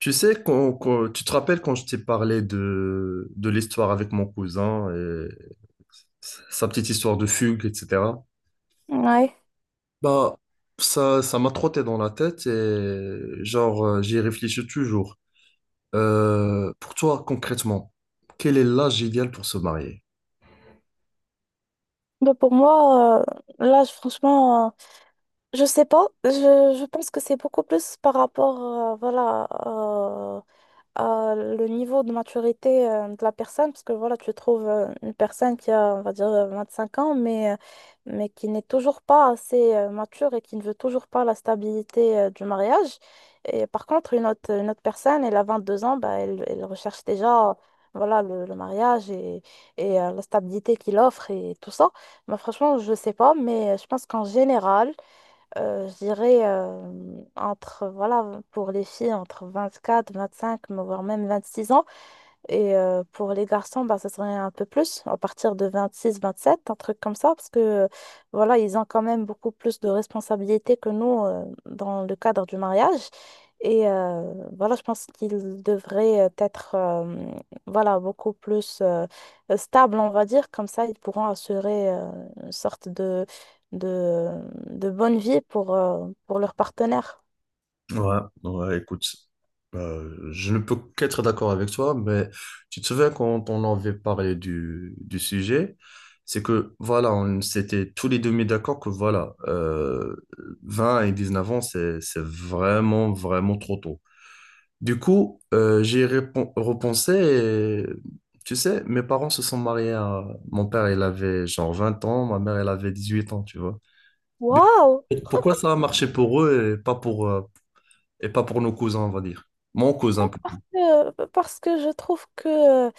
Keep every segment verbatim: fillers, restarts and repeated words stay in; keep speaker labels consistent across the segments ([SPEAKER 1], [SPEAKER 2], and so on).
[SPEAKER 1] Tu sais, quand, quand- tu te rappelles quand je t'ai parlé de, de l'histoire avec mon cousin et sa petite histoire de fugue, et cetera.
[SPEAKER 2] Ouais.
[SPEAKER 1] Bah, ça, ça m'a trotté dans la tête et genre, euh, j'y réfléchis toujours. Euh, pour toi, concrètement, quel est l'âge idéal pour se marier?
[SPEAKER 2] Mais pour moi, euh, là, je- franchement, euh, je sais pas. Je, je pense que c'est beaucoup plus par rapport, euh, voilà, euh, à le niveau de maturité euh, de la personne, parce que voilà, tu trouves euh, une personne qui a, on va dire, euh, vingt-cinq ans, mais, euh, mais qui n'est toujours pas assez euh, mature et qui ne veut toujours pas la stabilité euh, du mariage. Et par contre, une autre, une autre personne, elle a vingt-deux ans. Bah, elle, elle recherche déjà voilà, le, le mariage et, et euh, la stabilité qu'il offre et tout ça. Bah, franchement, je sais pas, mais euh, je pense qu'en général, euh, je dirais euh, entre, voilà, pour les filles, entre vingt-quatre, vingt-cinq, mais voire même vingt-six ans. Et euh, pour les garçons, bah, ça serait un peu plus, à partir de vingt-six, vingt-sept, un truc comme ça, parce que euh, voilà, ils ont quand même beaucoup plus de responsabilités que nous euh, dans le cadre du mariage. Et euh, voilà, je pense qu'ils devraient être euh, voilà, beaucoup plus euh, stables, on va dire. Comme ça, ils pourront assurer euh, une sorte de, de, de bonne vie pour, euh, pour leur partenaire.
[SPEAKER 1] Ouais, ouais, écoute, euh, je ne peux qu'être d'accord avec toi, mais tu te souviens quand on avait parlé du, du sujet, c'est que voilà, on s'était tous les deux mis d'accord que voilà, euh, vingt et neuf ans, c'est, c'est vraiment, vraiment trop tôt. Du coup, euh, j'ai répon- repensé et tu sais, mes parents se sont mariés à... Mon père, il avait genre vingt ans, ma mère, elle avait dix huit ans, tu vois. Du- coup,
[SPEAKER 2] Waouh!
[SPEAKER 1] Pourquoi ça a marché pour eux et pas pour, euh, et pas pour nos cousins, on va dire. Mon cousin plutôt.
[SPEAKER 2] que, parce que je trouve que euh,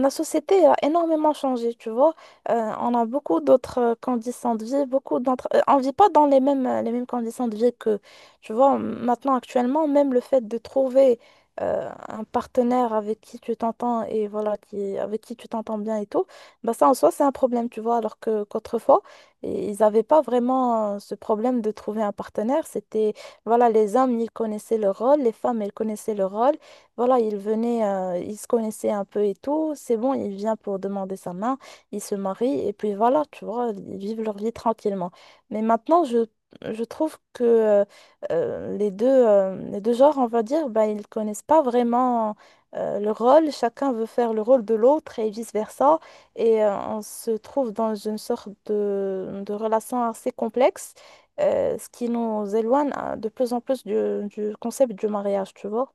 [SPEAKER 2] la société a énormément changé, tu vois. Euh, on a beaucoup d'autres euh, conditions de vie, beaucoup d'entre... euh, on vit pas dans les mêmes, euh, les mêmes conditions de vie que, tu vois, maintenant, actuellement. Même le fait de trouver euh, un partenaire avec qui tu t'entends et voilà, qui, avec qui tu t'entends bien et tout, bah ça en soi, c'est un problème, tu vois, alors que qu'autrefois, ils n'avaient pas vraiment euh, ce problème de trouver un partenaire. C'était, voilà, les hommes, ils connaissaient leur rôle, les femmes, elles connaissaient leur rôle. Voilà, il venait, euh, il se connaissait un peu et tout. C'est bon, il vient pour demander sa main, il se marie et puis voilà, tu vois, ils vivent leur vie tranquillement. Mais maintenant, je, je trouve que euh, euh, les deux, euh, les deux genres, on va dire, ben, ils connaissent pas vraiment euh, le rôle. Chacun veut faire le rôle de l'autre et vice-versa. Et euh, on se trouve dans une sorte de, de relation assez complexe, euh, ce qui nous éloigne euh, de plus en plus du, du concept du mariage, tu vois.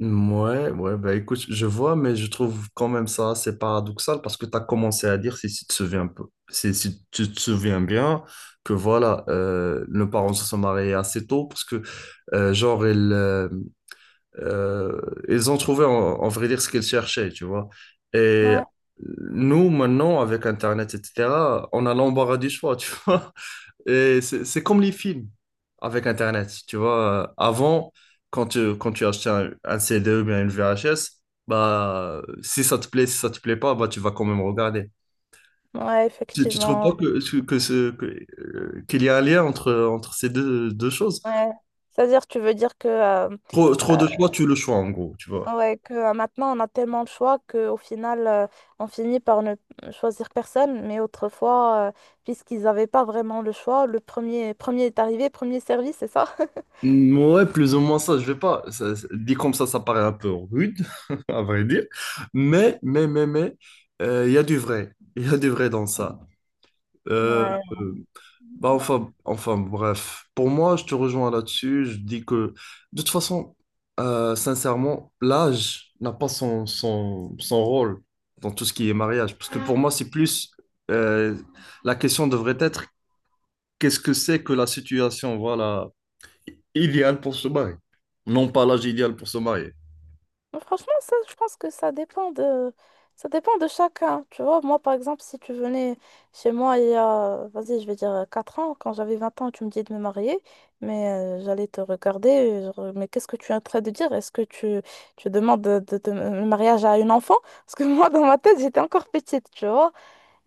[SPEAKER 1] Ouais, ouais, bah écoute, je vois, mais je trouve quand même ça assez paradoxal parce que tu as commencé à dire, si, si tu te souviens un peu, si, si tu te souviens bien, que voilà, euh, nos parents se sont mariés assez tôt parce que, euh, genre, ils, euh, euh, ils ont trouvé, en, en vrai dire, ce qu'ils cherchaient, tu vois. Et nous, maintenant, avec Internet, et cetera, on a l'embarras du choix, tu vois. Et c'est c'est comme les films avec Internet. Tu vois, Euh, avant, quand tu, quand tu achetais un, un C D ou bien une V H S, bah, si ça te plaît, si ça te plaît pas, bah, tu vas quand même regarder.
[SPEAKER 2] Ouais,
[SPEAKER 1] Tu, tu trouves pas
[SPEAKER 2] effectivement.
[SPEAKER 1] que, que ce, que, euh, qu'il y a un lien entre, entre ces deux, deux choses?
[SPEAKER 2] Ouais. C'est-à-dire, tu veux dire que, euh,
[SPEAKER 1] Trop, trop
[SPEAKER 2] euh,
[SPEAKER 1] de choix, tu le choix, en gros, tu vois.
[SPEAKER 2] ouais, que euh, maintenant, on a tellement de choix qu'au final, euh, on finit par ne choisir personne. Mais autrefois, euh, puisqu'ils n'avaient pas vraiment le choix, le premier, premier est arrivé, premier servi, c'est ça?
[SPEAKER 1] Mm, ouais, plus ou moins ça, je vais pas. ça- ça- dit comme ça, ça paraît un peu rude, à vrai dire. Mais, mais, mais, mais, euh, il y a du vrai. Il y a du vrai dans ça. Euh,
[SPEAKER 2] Ouais.
[SPEAKER 1] Bah enfin, enfin, bref, pour moi, je te rejoins là-dessus. Je dis que, de toute façon, euh, sincèrement, l'âge n'a pas son, son, son rôle dans tout ce qui est mariage. Parce que pour moi, c'est plus, euh, la question devrait être, qu'est-ce que c'est que la situation, voilà, idéale pour se marier? Non pas l'âge idéal pour se marier.
[SPEAKER 2] Mais Franchement, ça, je pense que ça dépend de, ça dépend de chacun. Tu vois, moi, par exemple, si tu venais chez moi il y a, vas-y, je vais dire quatre ans, quand j'avais vingt ans, tu me disais de me marier, mais euh, j'allais te regarder, genre, mais qu'est-ce que tu es en train de dire? Est-ce que tu, tu demandes de, de- de- le mariage à une enfant? Parce que moi, dans ma tête, j'étais encore petite, tu vois.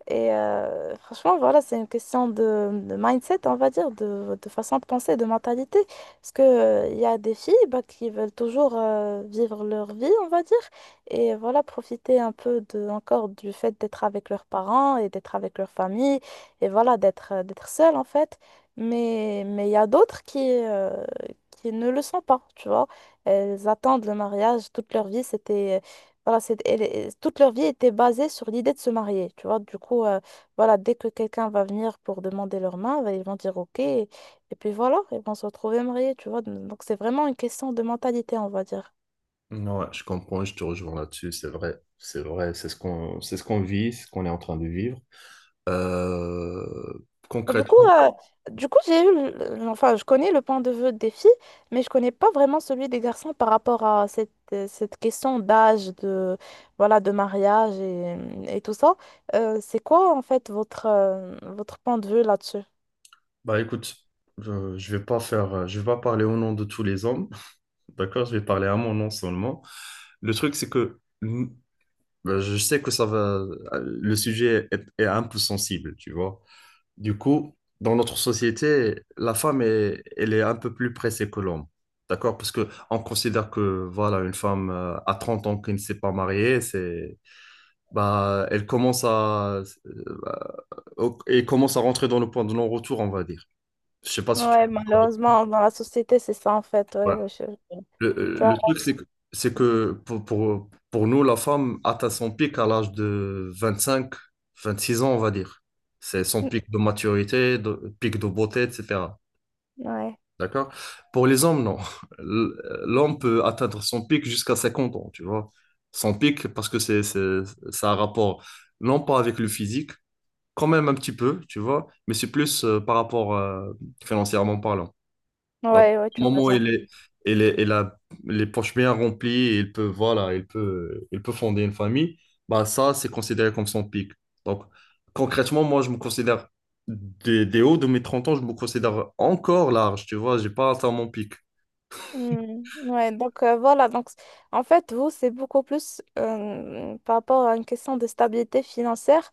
[SPEAKER 2] Et euh, franchement, voilà, c'est une question de, de mindset, on va dire, de, de façon de penser, de mentalité. Parce que, euh, il y a des filles bah, qui veulent toujours euh, vivre leur vie, on va dire, et voilà, profiter un peu de, encore du fait d'être avec leurs parents et d'être avec leur famille, et voilà, d'être euh, d'être seule, en fait. Mais mais il y a d'autres qui, euh, qui ne le sont pas, tu vois. Elles attendent le mariage toute leur vie. C'était voilà, c'est, elle est- toute leur vie était basée sur l'idée de se marier, tu vois. Du coup, euh, voilà, dès que quelqu'un va venir pour demander leur main, bah, ils vont dire OK. Et, et puis voilà, ils vont se retrouver mariés, tu vois. Donc c'est vraiment une question de mentalité, on va dire.
[SPEAKER 1] Ouais, je comprends, je te rejoins là-dessus, c'est vrai. C'est vrai, c'est ce qu'on, c'est ce qu'on vit, ce qu'on est en train de vivre. Euh,
[SPEAKER 2] Bah, Du coup,
[SPEAKER 1] Concrètement.
[SPEAKER 2] euh, du coup, j'ai eu, le- le- enfin, je connais le point de vue des filles, mais je connais pas vraiment celui des garçons par rapport à cette, euh, cette question d'âge, de, voilà, de mariage et, et tout ça. Euh, c'est quoi, en fait, votre, euh, votre point de vue là-dessus?
[SPEAKER 1] Bah écoute, je, je vais pas faire, euh, je vais pas parler au nom de tous les hommes, d'accord? Je vais parler à mon nom seulement. Le truc, c'est que mm, bah, je sais que ça va, euh, le sujet est, est un peu sensible, tu vois. Du coup, dans notre société, la femme est, elle est un peu plus pressée que l'homme. D'accord? Parce que on considère que voilà, une femme euh, à trente ans qui ne s'est pas mariée, c'est bah elle commence à euh, bah, au- elle commence à rentrer dans le point de non-retour, on va dire. Je sais pas si tu...
[SPEAKER 2] Ouais, malheureusement, dans la société, c'est ça en fait. Ouais,
[SPEAKER 1] Ouais.
[SPEAKER 2] ouais, je-
[SPEAKER 1] Le, euh,
[SPEAKER 2] tu
[SPEAKER 1] le
[SPEAKER 2] vois.
[SPEAKER 1] truc c'est que c'est que pour, pour, pour nous la femme atteint son pic à l'âge de vingt cinq vingt six ans, on va dire. C'est son pic de maturité, de, pic de beauté, et cetera.
[SPEAKER 2] Ouais,
[SPEAKER 1] D'accord? Pour les hommes, non. L- L'homme peut atteindre son pic jusqu'à cinquante ans, tu vois. Son pic, parce que c'est, c'est, ça a un rapport, non pas avec le physique, quand même un petit peu, tu vois, mais c'est plus euh, par rapport euh, financièrement parlant.
[SPEAKER 2] ouais, ouais,
[SPEAKER 1] Au
[SPEAKER 2] tu as
[SPEAKER 1] moment où
[SPEAKER 2] raison.
[SPEAKER 1] il est, il est- il a les poches bien remplies, et il peut, voilà, il peut, il peut fonder une famille, bah ça, c'est considéré comme son pic. Donc, concrètement, moi, je me considère des, des hauts de mes trente ans, je me considère encore large, tu vois, j'ai pas atteint mon pic.
[SPEAKER 2] Hmm, Ouais, donc euh, voilà, donc c- en fait, vous, c'est beaucoup plus euh, par rapport à une question de stabilité financière.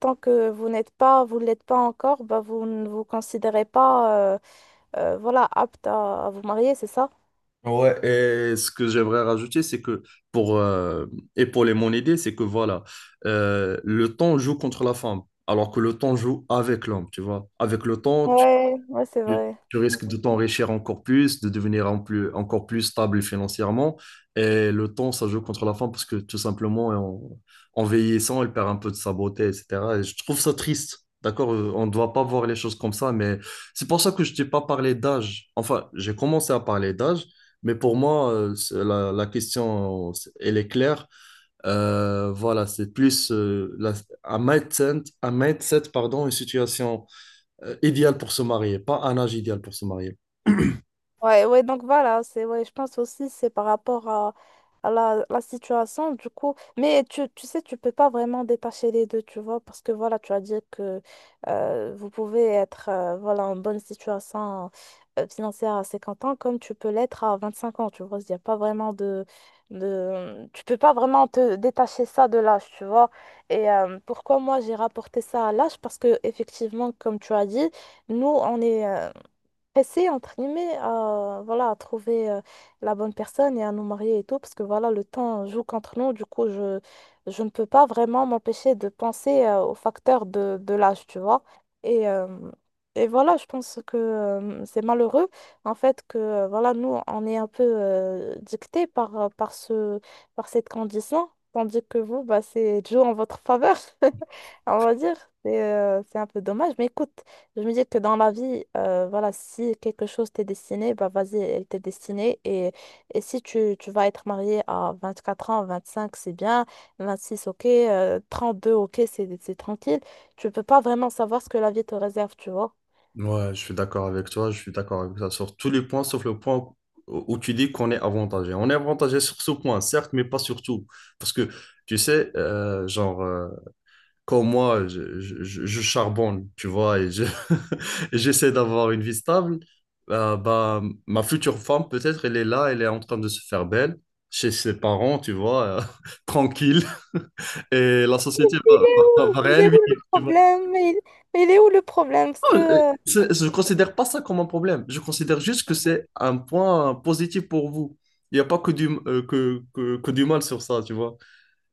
[SPEAKER 2] Tant que vous n'êtes pas, vous ne l'êtes pas encore, bah, vous ne vous considérez pas euh, euh, voilà, apte à, à vous marier, c'est ça?
[SPEAKER 1] Ouais, et ce que j'aimerais rajouter, c'est que pour euh, épauler mon idée, c'est que voilà, euh, le temps joue contre la femme, alors que le temps joue avec l'homme, tu vois. Avec le temps, tu,
[SPEAKER 2] Ouais, ouais, c'est vrai.
[SPEAKER 1] tu risques de
[SPEAKER 2] Mmh.
[SPEAKER 1] t'enrichir encore plus, de devenir en plus, encore plus stable financièrement. Et le temps, ça joue contre la femme parce que tout simplement, en, en vieillissant, elle perd un peu de sa beauté, et cetera. Et je trouve ça triste. D'accord. Euh, on ne doit pas voir les choses comme ça, mais c'est pour ça que je t'ai pas parlé d'âge. Enfin, j'ai commencé à parler d'âge, mais pour moi, euh, c'est- la la, question, euh, c'est- elle est claire. Euh, voilà, c'est plus euh, la- un mindset, un mindset, pardon, une situation euh, idéal pour se marier, pas un âge idéal pour se marier.
[SPEAKER 2] Ouais, ouais, donc voilà, c'est, ouais, je pense aussi c'est par rapport à, à la, la situation, du coup. Mais tu, tu sais, tu peux pas vraiment détacher les deux, tu vois, parce que voilà, tu as dit que euh, vous pouvez être euh, voilà, en bonne situation euh, financière à cinquante ans, comme tu peux l'être à vingt-cinq ans, tu vois. Il y a pas vraiment de, de... Tu peux pas vraiment te détacher ça de l'âge, tu vois. Et euh, pourquoi moi j'ai rapporté ça à l'âge? Parce que, effectivement, comme tu as dit, nous, on est, euh, pressés, entre guillemets, à, voilà, à trouver euh, la bonne personne et à nous marier et tout, parce que voilà, le temps joue contre nous. Du coup, je, je ne peux pas vraiment m'empêcher de penser euh, au facteur de, de l'âge, tu vois. Et, euh, et voilà, je pense que euh, c'est malheureux, en fait, que euh, voilà, nous, on est un peu euh, dictés par, euh, par ce, par cette condition, tandis que vous, bah, c'est joue en votre faveur, on va dire. C'est euh, c'est un peu dommage, mais écoute. Je me dis que dans la vie, euh, voilà, si quelque chose t'est destiné, bah vas-y, elle t'est destinée. Et, et si tu, tu vas être marié à vingt-quatre ans, vingt-cinq, c'est bien, vingt-six, ok, euh, trente-deux, ok, c'est c'est tranquille. Tu peux pas vraiment savoir ce que la vie te réserve, tu vois.
[SPEAKER 1] Ouais, je suis d'accord avec toi, je suis d'accord avec ça sur tous les points, sauf le point où où tu dis qu'on est avantagé. On est avantagé sur ce point, certes, mais pas sur tout. Parce que, tu sais, euh, genre, euh, quand moi, je, je- je- je charbonne, tu vois, et je- et j'essaie d'avoir une vie stable, euh, bah, ma future femme, peut-être, elle est là, elle est en train de se faire belle, chez ses parents, tu vois, euh, tranquille, et la société
[SPEAKER 2] Il
[SPEAKER 1] va,
[SPEAKER 2] est
[SPEAKER 1] va,
[SPEAKER 2] où?
[SPEAKER 1] va
[SPEAKER 2] Il
[SPEAKER 1] rien
[SPEAKER 2] est
[SPEAKER 1] lui
[SPEAKER 2] où le
[SPEAKER 1] dire, tu...
[SPEAKER 2] problème? Mais il, mais il est où le problème? Parce
[SPEAKER 1] Oh, euh,
[SPEAKER 2] que, euh,
[SPEAKER 1] c'est- je ne considère pas ça comme un problème. Je considère juste que c'est un point positif pour vous. Il n'y a pas que du, euh, que, que, que du mal sur ça, tu vois.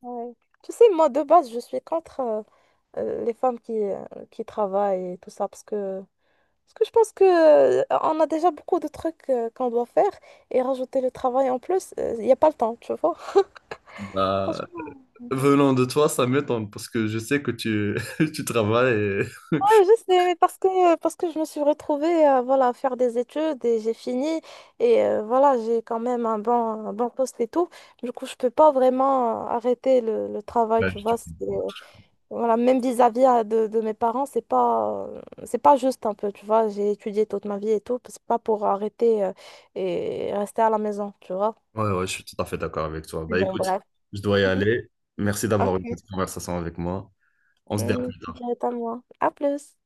[SPEAKER 2] Ouais. Tu sais, moi, de base, je suis contre euh, euh, les femmes qui, euh, qui travaillent et tout ça, parce que Parce que je pense que, euh, on a déjà beaucoup de trucs euh, qu'on doit faire et rajouter le travail en plus, il n'y a pas le temps, tu vois.
[SPEAKER 1] Bah,
[SPEAKER 2] Franchement,
[SPEAKER 1] venant de toi, ça m'étonne parce que je sais que tu, tu travailles et...
[SPEAKER 2] ouais, je sais, mais parce que, euh, parce que je me suis retrouvée euh, voilà, à faire des études et j'ai fini et euh, voilà, j'ai quand même un bon, un bon poste et tout. Du coup, je peux pas vraiment euh, arrêter le, le travail,
[SPEAKER 1] Ouais,
[SPEAKER 2] tu
[SPEAKER 1] je te
[SPEAKER 2] vois. c'est-
[SPEAKER 1] comprends.
[SPEAKER 2] euh, Voilà, même vis-à-vis euh, de, de mes parents, c'est pas, euh, c'est pas juste un peu, tu vois. J'ai étudié toute ma vie et tout, c'est pas pour arrêter euh, et rester à la maison, tu vois.
[SPEAKER 1] Ouais, ouais, je suis tout à fait d'accord avec toi.
[SPEAKER 2] Mais
[SPEAKER 1] Bah
[SPEAKER 2] bon,
[SPEAKER 1] écoute,
[SPEAKER 2] bref.
[SPEAKER 1] je dois y
[SPEAKER 2] Mhm.
[SPEAKER 1] aller. Merci d'avoir
[SPEAKER 2] Ok.
[SPEAKER 1] eu cette conversation avec moi. On se dit à
[SPEAKER 2] Mm,
[SPEAKER 1] plus
[SPEAKER 2] je
[SPEAKER 1] tard.
[SPEAKER 2] vais être à moi. À plus.